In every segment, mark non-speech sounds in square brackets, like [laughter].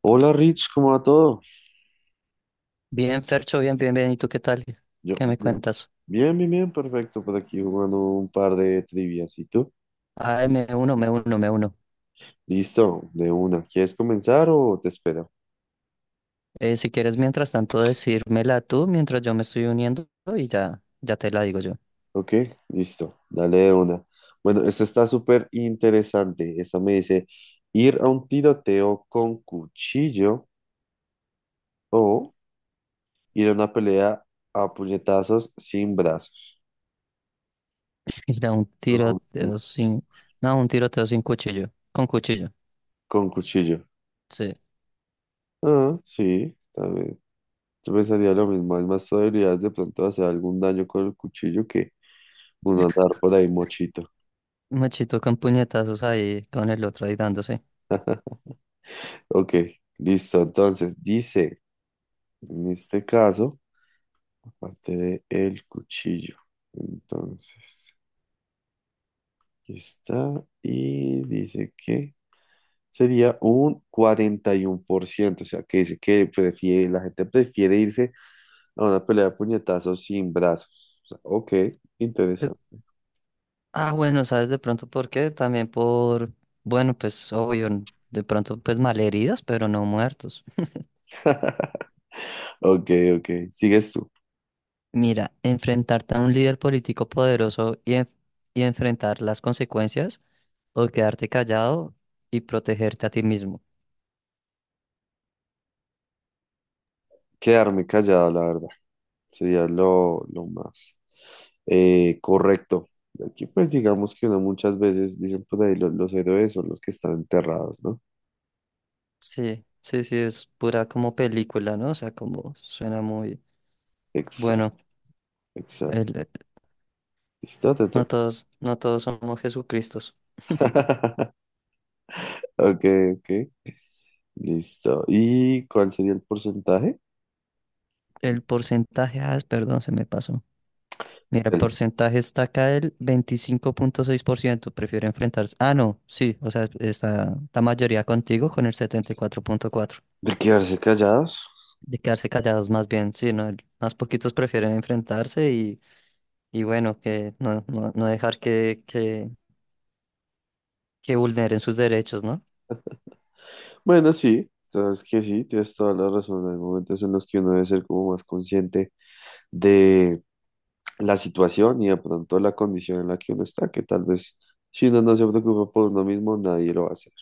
Hola Rich, ¿cómo va todo? Bien, Fercho, bien. ¿Y tú qué tal? Yo, ¿Qué me cuentas? bien, bien, bien, perfecto. Por aquí jugando un par de trivias. ¿Y tú? Ay, me uno. Listo, de una. ¿Quieres comenzar o te espero? Si quieres, mientras tanto, decírmela tú mientras yo me estoy uniendo y ya, ya te la digo yo. Ok, listo, dale de una. Bueno, esta está súper interesante. Esta me dice, ir a un tiroteo con cuchillo o ir a una pelea a puñetazos sin brazos. [laughs] Mira, un Con, tiroteo sin... No, un tiroteo sin cuchillo. Con cuchillo, con cuchillo. sí. Ah, sí, también. Yo pensaría lo mismo, hay más probabilidades de pronto hacer algún daño con el cuchillo que uno andar por ahí mochito. Machito con puñetazos ahí, con el otro ahí dándose. Ok, listo. Entonces, dice, en este caso, aparte del cuchillo. Entonces, aquí está. Y dice que sería un 41%. O sea, que dice que prefiere, la gente prefiere irse a una pelea de puñetazos sin brazos. O sea, ok, De- interesante. Ah, bueno, ¿sabes de pronto por qué? Bueno, pues obvio, de pronto pues malheridos, pero no muertos. [laughs] Ok, ok, sigues tú. Mira, enfrentarte a un líder político poderoso y enfrentar las consecuencias o quedarte callado y protegerte a ti mismo. Quedarme callado, la verdad. Sería lo más correcto. Aquí pues digamos que uno muchas veces dicen por ahí los héroes son los que están enterrados, ¿no? Sí, es pura como película, ¿no? O sea, como suena muy Exacto, bueno. el- exacto. eh, Listo, te no toca. todos, somos Jesucristos. [laughs] Ok, ok. Listo. ¿Y cuál sería el porcentaje? El porcentaje, perdón, se me pasó. Mira, el Bueno, porcentaje está acá el 25.6%. Prefiere enfrentarse. Ah, no, sí, o sea, está la mayoría contigo con el 74.4%. de quedarse callados. De quedarse callados más bien, sí, ¿no? Más poquitos prefieren enfrentarse y bueno, que no, no, no dejar que vulneren sus derechos, ¿no? Bueno, sí, sabes que sí, tienes toda la razón. Hay momentos en los que uno debe ser como más consciente de la situación y de pronto la condición en la que uno está, que tal vez si uno no se preocupa por uno mismo, nadie lo va a hacer.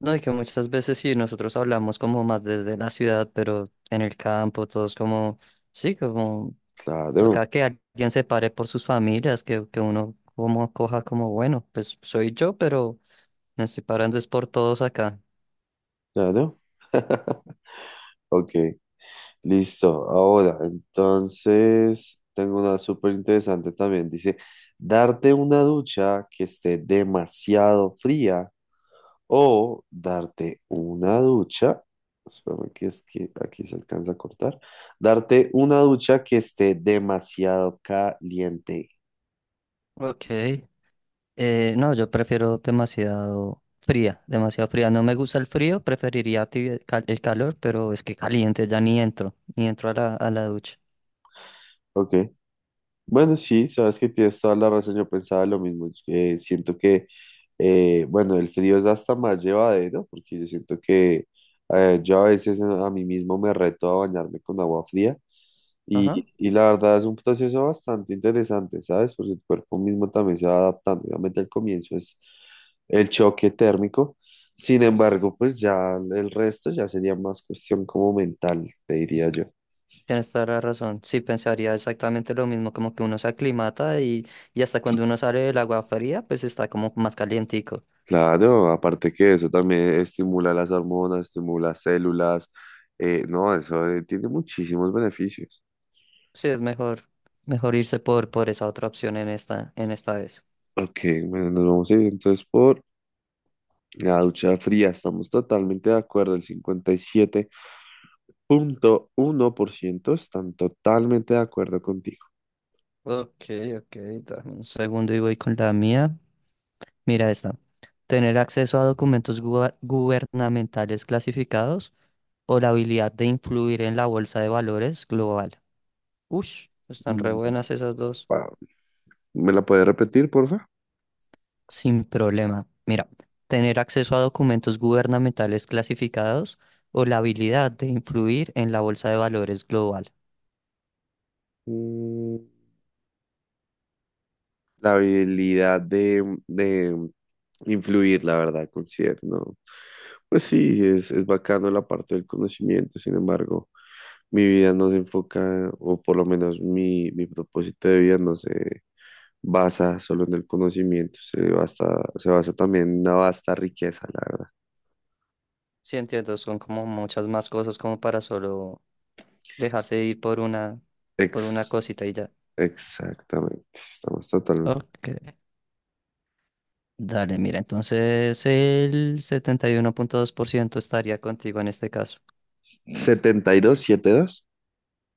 No, y que muchas veces sí, nosotros hablamos como más desde la ciudad, pero en el campo, todos como, sí, como Claro, toca que alguien se pare por sus familias, que uno como coja como, bueno, pues soy yo, pero me estoy parando es por todos acá. claro. [laughs] Ok, listo. Ahora, entonces, tengo una súper interesante también. Dice, darte una ducha que esté demasiado fría o darte una ducha, espérame que es que aquí se alcanza a cortar, darte una ducha que esté demasiado caliente. Ok. No, yo prefiero demasiado fría, demasiado fría. No me gusta el frío, preferiría el calor, pero es que caliente ya ni entro, ni entro a a la ducha. Ok. Bueno, sí, sabes que tienes toda la razón, yo pensaba lo mismo. Siento que, bueno, el frío es hasta más llevadero, porque yo siento que yo a veces a mí mismo me reto a bañarme con agua fría Ajá, y la verdad es un proceso bastante interesante, ¿sabes? Porque el cuerpo mismo también se va adaptando. Obviamente al comienzo es el choque térmico, sin embargo, pues ya el resto ya sería más cuestión como mental, te diría yo. tienes toda la razón. Sí, pensaría exactamente lo mismo, como que uno se aclimata y hasta cuando uno sale del agua fría, pues está como más calientico. Claro, aparte que eso también estimula las hormonas, estimula células, no, eso tiene muchísimos beneficios. Sí, es mejor, mejor irse por esa otra opción en en esta vez. Ok, bueno, nos vamos a ir entonces por la ducha fría, estamos totalmente de acuerdo, el 57,1% están totalmente de acuerdo contigo. Ok, ok, dame un segundo y voy con la mía. Mira esta. Tener acceso a documentos gubernamentales clasificados o la habilidad de influir en la bolsa de valores global. Ush, están re Mm, buenas esas dos. wow. ¿Me la puedes repetir, porfa? Sin problema. Mira, tener acceso a documentos gubernamentales clasificados o la habilidad de influir en la bolsa de valores global. La habilidad de influir, la verdad, considero, ¿no? Pues sí, es bacano la parte del conocimiento, sin embargo, mi vida no se enfoca, o por lo menos mi propósito de vida no se basa solo en el conocimiento, se basa también en una vasta riqueza, la verdad. Sí, entiendo, son como muchas más cosas como para solo dejarse ir por una Ex- cosita y ya. Exactamente, estamos totalmente. Ok. Dale, mira, entonces el 71,2% estaría contigo en este caso. 72, 72.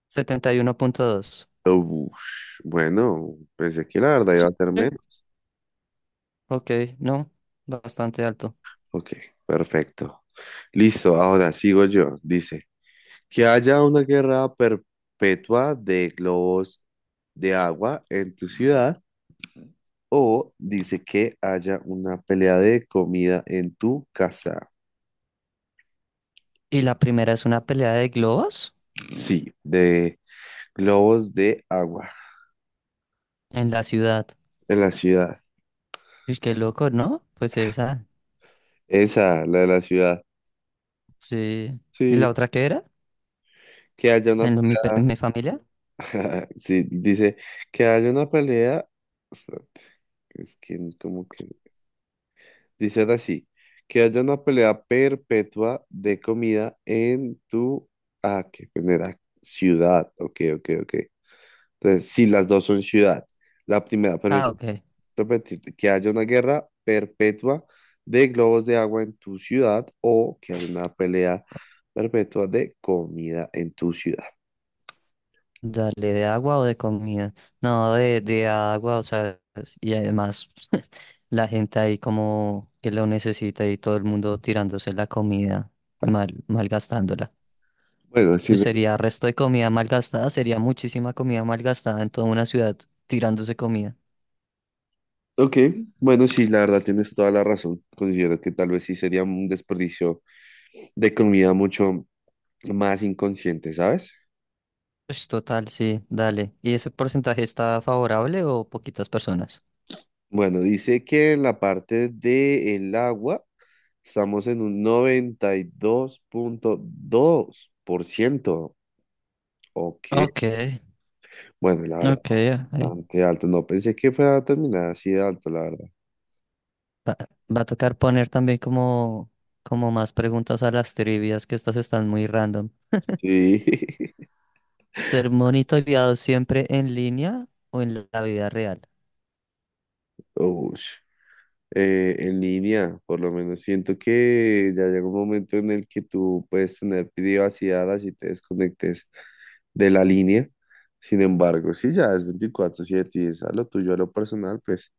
71,2. Ush, bueno, pensé que la verdad Sí, iba a ser menos. ok, no, bastante alto. Ok, perfecto. Listo, ahora sigo yo. Dice, que haya una guerra perpetua de globos de agua en tu ciudad o dice que haya una pelea de comida en tu casa. Y la primera es una pelea de globos Sí, de globos de agua en la ciudad. en la ciudad. Uy, qué loco, ¿no? Pues esa, Esa, la de la ciudad. sí. ¿Y Sí, la otra qué era? que haya una ¿En lo- mi, pe- pelea. mi familia? [laughs] Sí, dice que haya una pelea. Espérate, es que como que dicen así, que haya una pelea perpetua de comida en tu... Ah, qué genera ciudad. Ok, ok, ok. Entonces, sí, las dos son ciudad. La primera, Ah, permíteme ok. repetirte, que haya una guerra perpetua de globos de agua en tu ciudad o que haya una pelea perpetua de comida en tu ciudad. Dale, ¿de agua o de comida? No, de agua, o sea, y además [laughs] la gente ahí como que lo necesita y todo el mundo tirándose la comida, malgastándola. Bueno, sí, Y sería resto de comida malgastada, sería muchísima comida malgastada en toda una ciudad tirándose comida. ok, bueno, sí, la verdad tienes toda la razón. Considero que tal vez sí sería un desperdicio de comida mucho más inconsciente, ¿sabes? Pues total, sí, dale. ¿Y ese porcentaje está favorable o poquitas personas? Bueno, dice que en la parte del agua estamos en un noventa y dos punto dos por ciento. Ok, Ok, bueno, la verdad, ok, ahí. bastante alto. No pensé que fuera a terminar así de alto, la verdad. Va, Va a tocar poner también como más preguntas a las trivias, que estas están muy random. Sí. [laughs] ¿Ser monitoreado siempre en línea o en la vida real? Ush. En línea, por lo menos. Siento que ya llega un momento en el que tú puedes tener privacidad así te desconectes de la línea. Sin embargo, si ya es 24/7 y es a lo tuyo, a lo personal, pues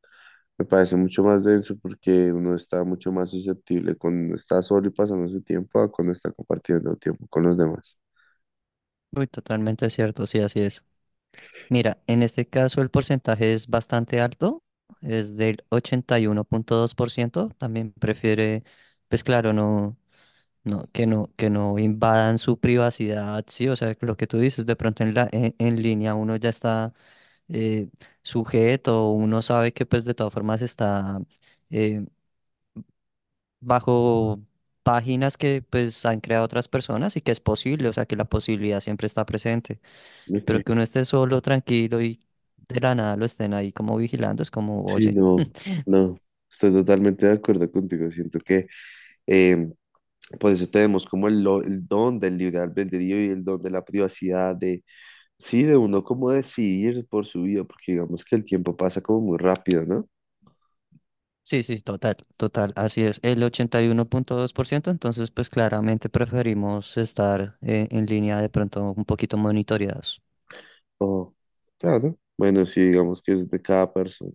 me parece mucho más denso porque uno está mucho más susceptible cuando está solo y pasando su tiempo a cuando está compartiendo tiempo con los demás. Uy, totalmente cierto, sí, así es. Mira, en este caso el porcentaje es bastante alto, es del 81,2%. También prefiere, pues claro, no, que no invadan su privacidad, sí, o sea, lo que tú dices, de pronto en en línea uno ya está eh, sujeto, uno sabe que pues de todas formas está eh, bajo páginas que pues han creado otras personas y que es posible, o sea que la posibilidad siempre está presente, Ok, pero que uno esté solo, tranquilo y de la nada lo estén ahí como vigilando, es como, sí, oye, no, no, estoy totalmente de acuerdo contigo. Siento que em, Por eso tenemos como el don del libre albedrío y el don de la privacidad, de, sí, de uno como decidir por su vida, porque digamos que el tiempo pasa como muy rápido, ¿no? sí, total, así es, el 81,2% entonces pues claramente preferimos estar en línea de pronto un poquito monitoreados. Oh, claro. Bueno, sí, digamos que es de cada persona.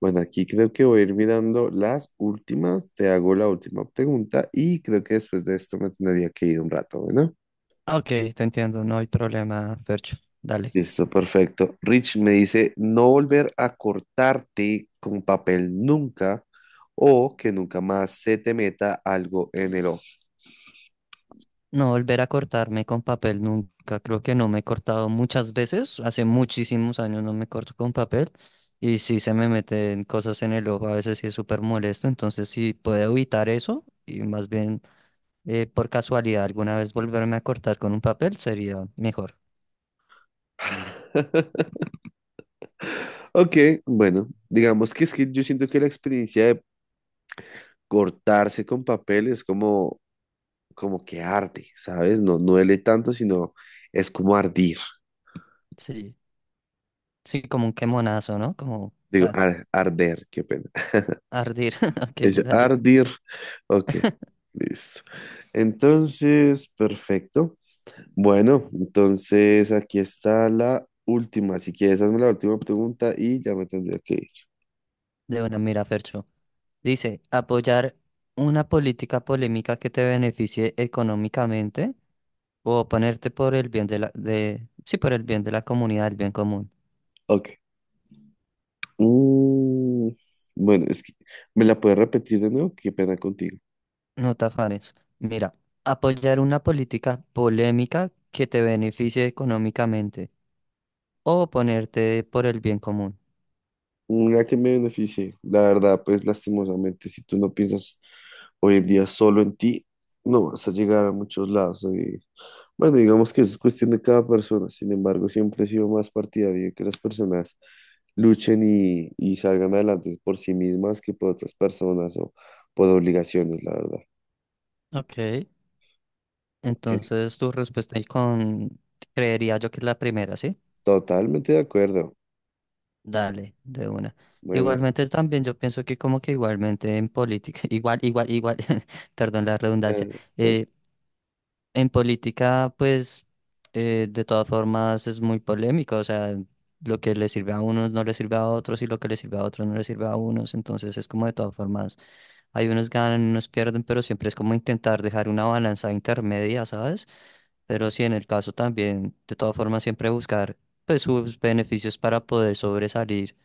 Bueno, aquí creo que voy a ir mirando las últimas, te hago la última pregunta y creo que después de esto me tendría que ir un rato, ¿no? Ok, te entiendo, no hay problema, Percho, dale. Listo, perfecto. Rich me dice no volver a cortarte con papel nunca o que nunca más se te meta algo en el ojo. No volver a cortarme con papel nunca. Creo que no me he cortado muchas veces. Hace muchísimos años no me corto con papel. Y sí se me meten cosas en el ojo. A veces sí es súper molesto. Entonces sí puedo evitar eso. Y más bien por casualidad alguna vez volverme a cortar con un papel sería mejor. [laughs] Ok, bueno, digamos que es que yo siento que la experiencia de cortarse con papel es como que arde, ¿sabes? No, no duele tanto, sino es como ardir. Sí. Sí, como un quemonazo, ¿no? Digo, arder, qué pena. [laughs] Ardir. [laughs] Ok, Es dale. ardir. Ok, listo. Entonces, perfecto. Bueno, entonces aquí está la última. Si quieres, hazme la última pregunta y ya me tendría que ir. De una mira, Fercho. Dice, apoyar una política polémica que te beneficie económicamente. O ponerte por el bien de sí, por el bien de la comunidad, el bien común. Ok. Mm, bueno, es que me la puedes repetir de nuevo. Qué pena contigo. No te afanes. Mira, apoyar una política polémica que te beneficie económicamente. O ponerte por el bien común. Una que me beneficie. La verdad, pues lastimosamente, si tú no piensas hoy en día solo en ti, no vas a llegar a muchos lados. Bueno, digamos que es cuestión de cada persona, sin embargo, siempre he sido más partidario de que las personas luchen y salgan adelante por sí mismas que por otras personas o por obligaciones, la verdad. Ok. Ok, Entonces, tu respuesta ahí con, creería yo que es la primera, ¿sí? totalmente de acuerdo. Dale, de una. Bueno, Igualmente también yo pienso que como que igualmente en política, [laughs] igual, [laughs] perdón la redundancia, eh, eh, en política, pues, de todas formas es muy polémico, o sea, lo que le sirve a unos no le sirve a otros y lo que le sirve a otros no le sirve a unos, entonces es como de todas formas, hay unos ganan, unos pierden, pero siempre es como intentar dejar una balanza intermedia, ¿sabes? Pero sí, en el caso también, de todas formas, siempre buscar, pues, sus beneficios para poder sobresalir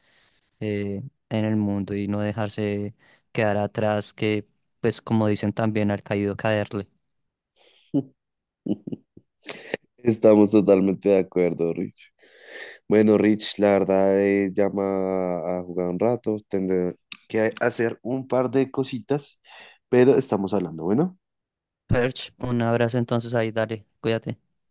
eh, en el mundo y no dejarse quedar atrás, que, pues, como dicen también, al caído caerle. [laughs] estamos totalmente de acuerdo, Rich. Bueno, Rich, la verdad, llama a jugar un rato, tendré que hacer un par de cositas, pero estamos hablando, bueno. Perch, un abrazo entonces ahí, dale, cuídate.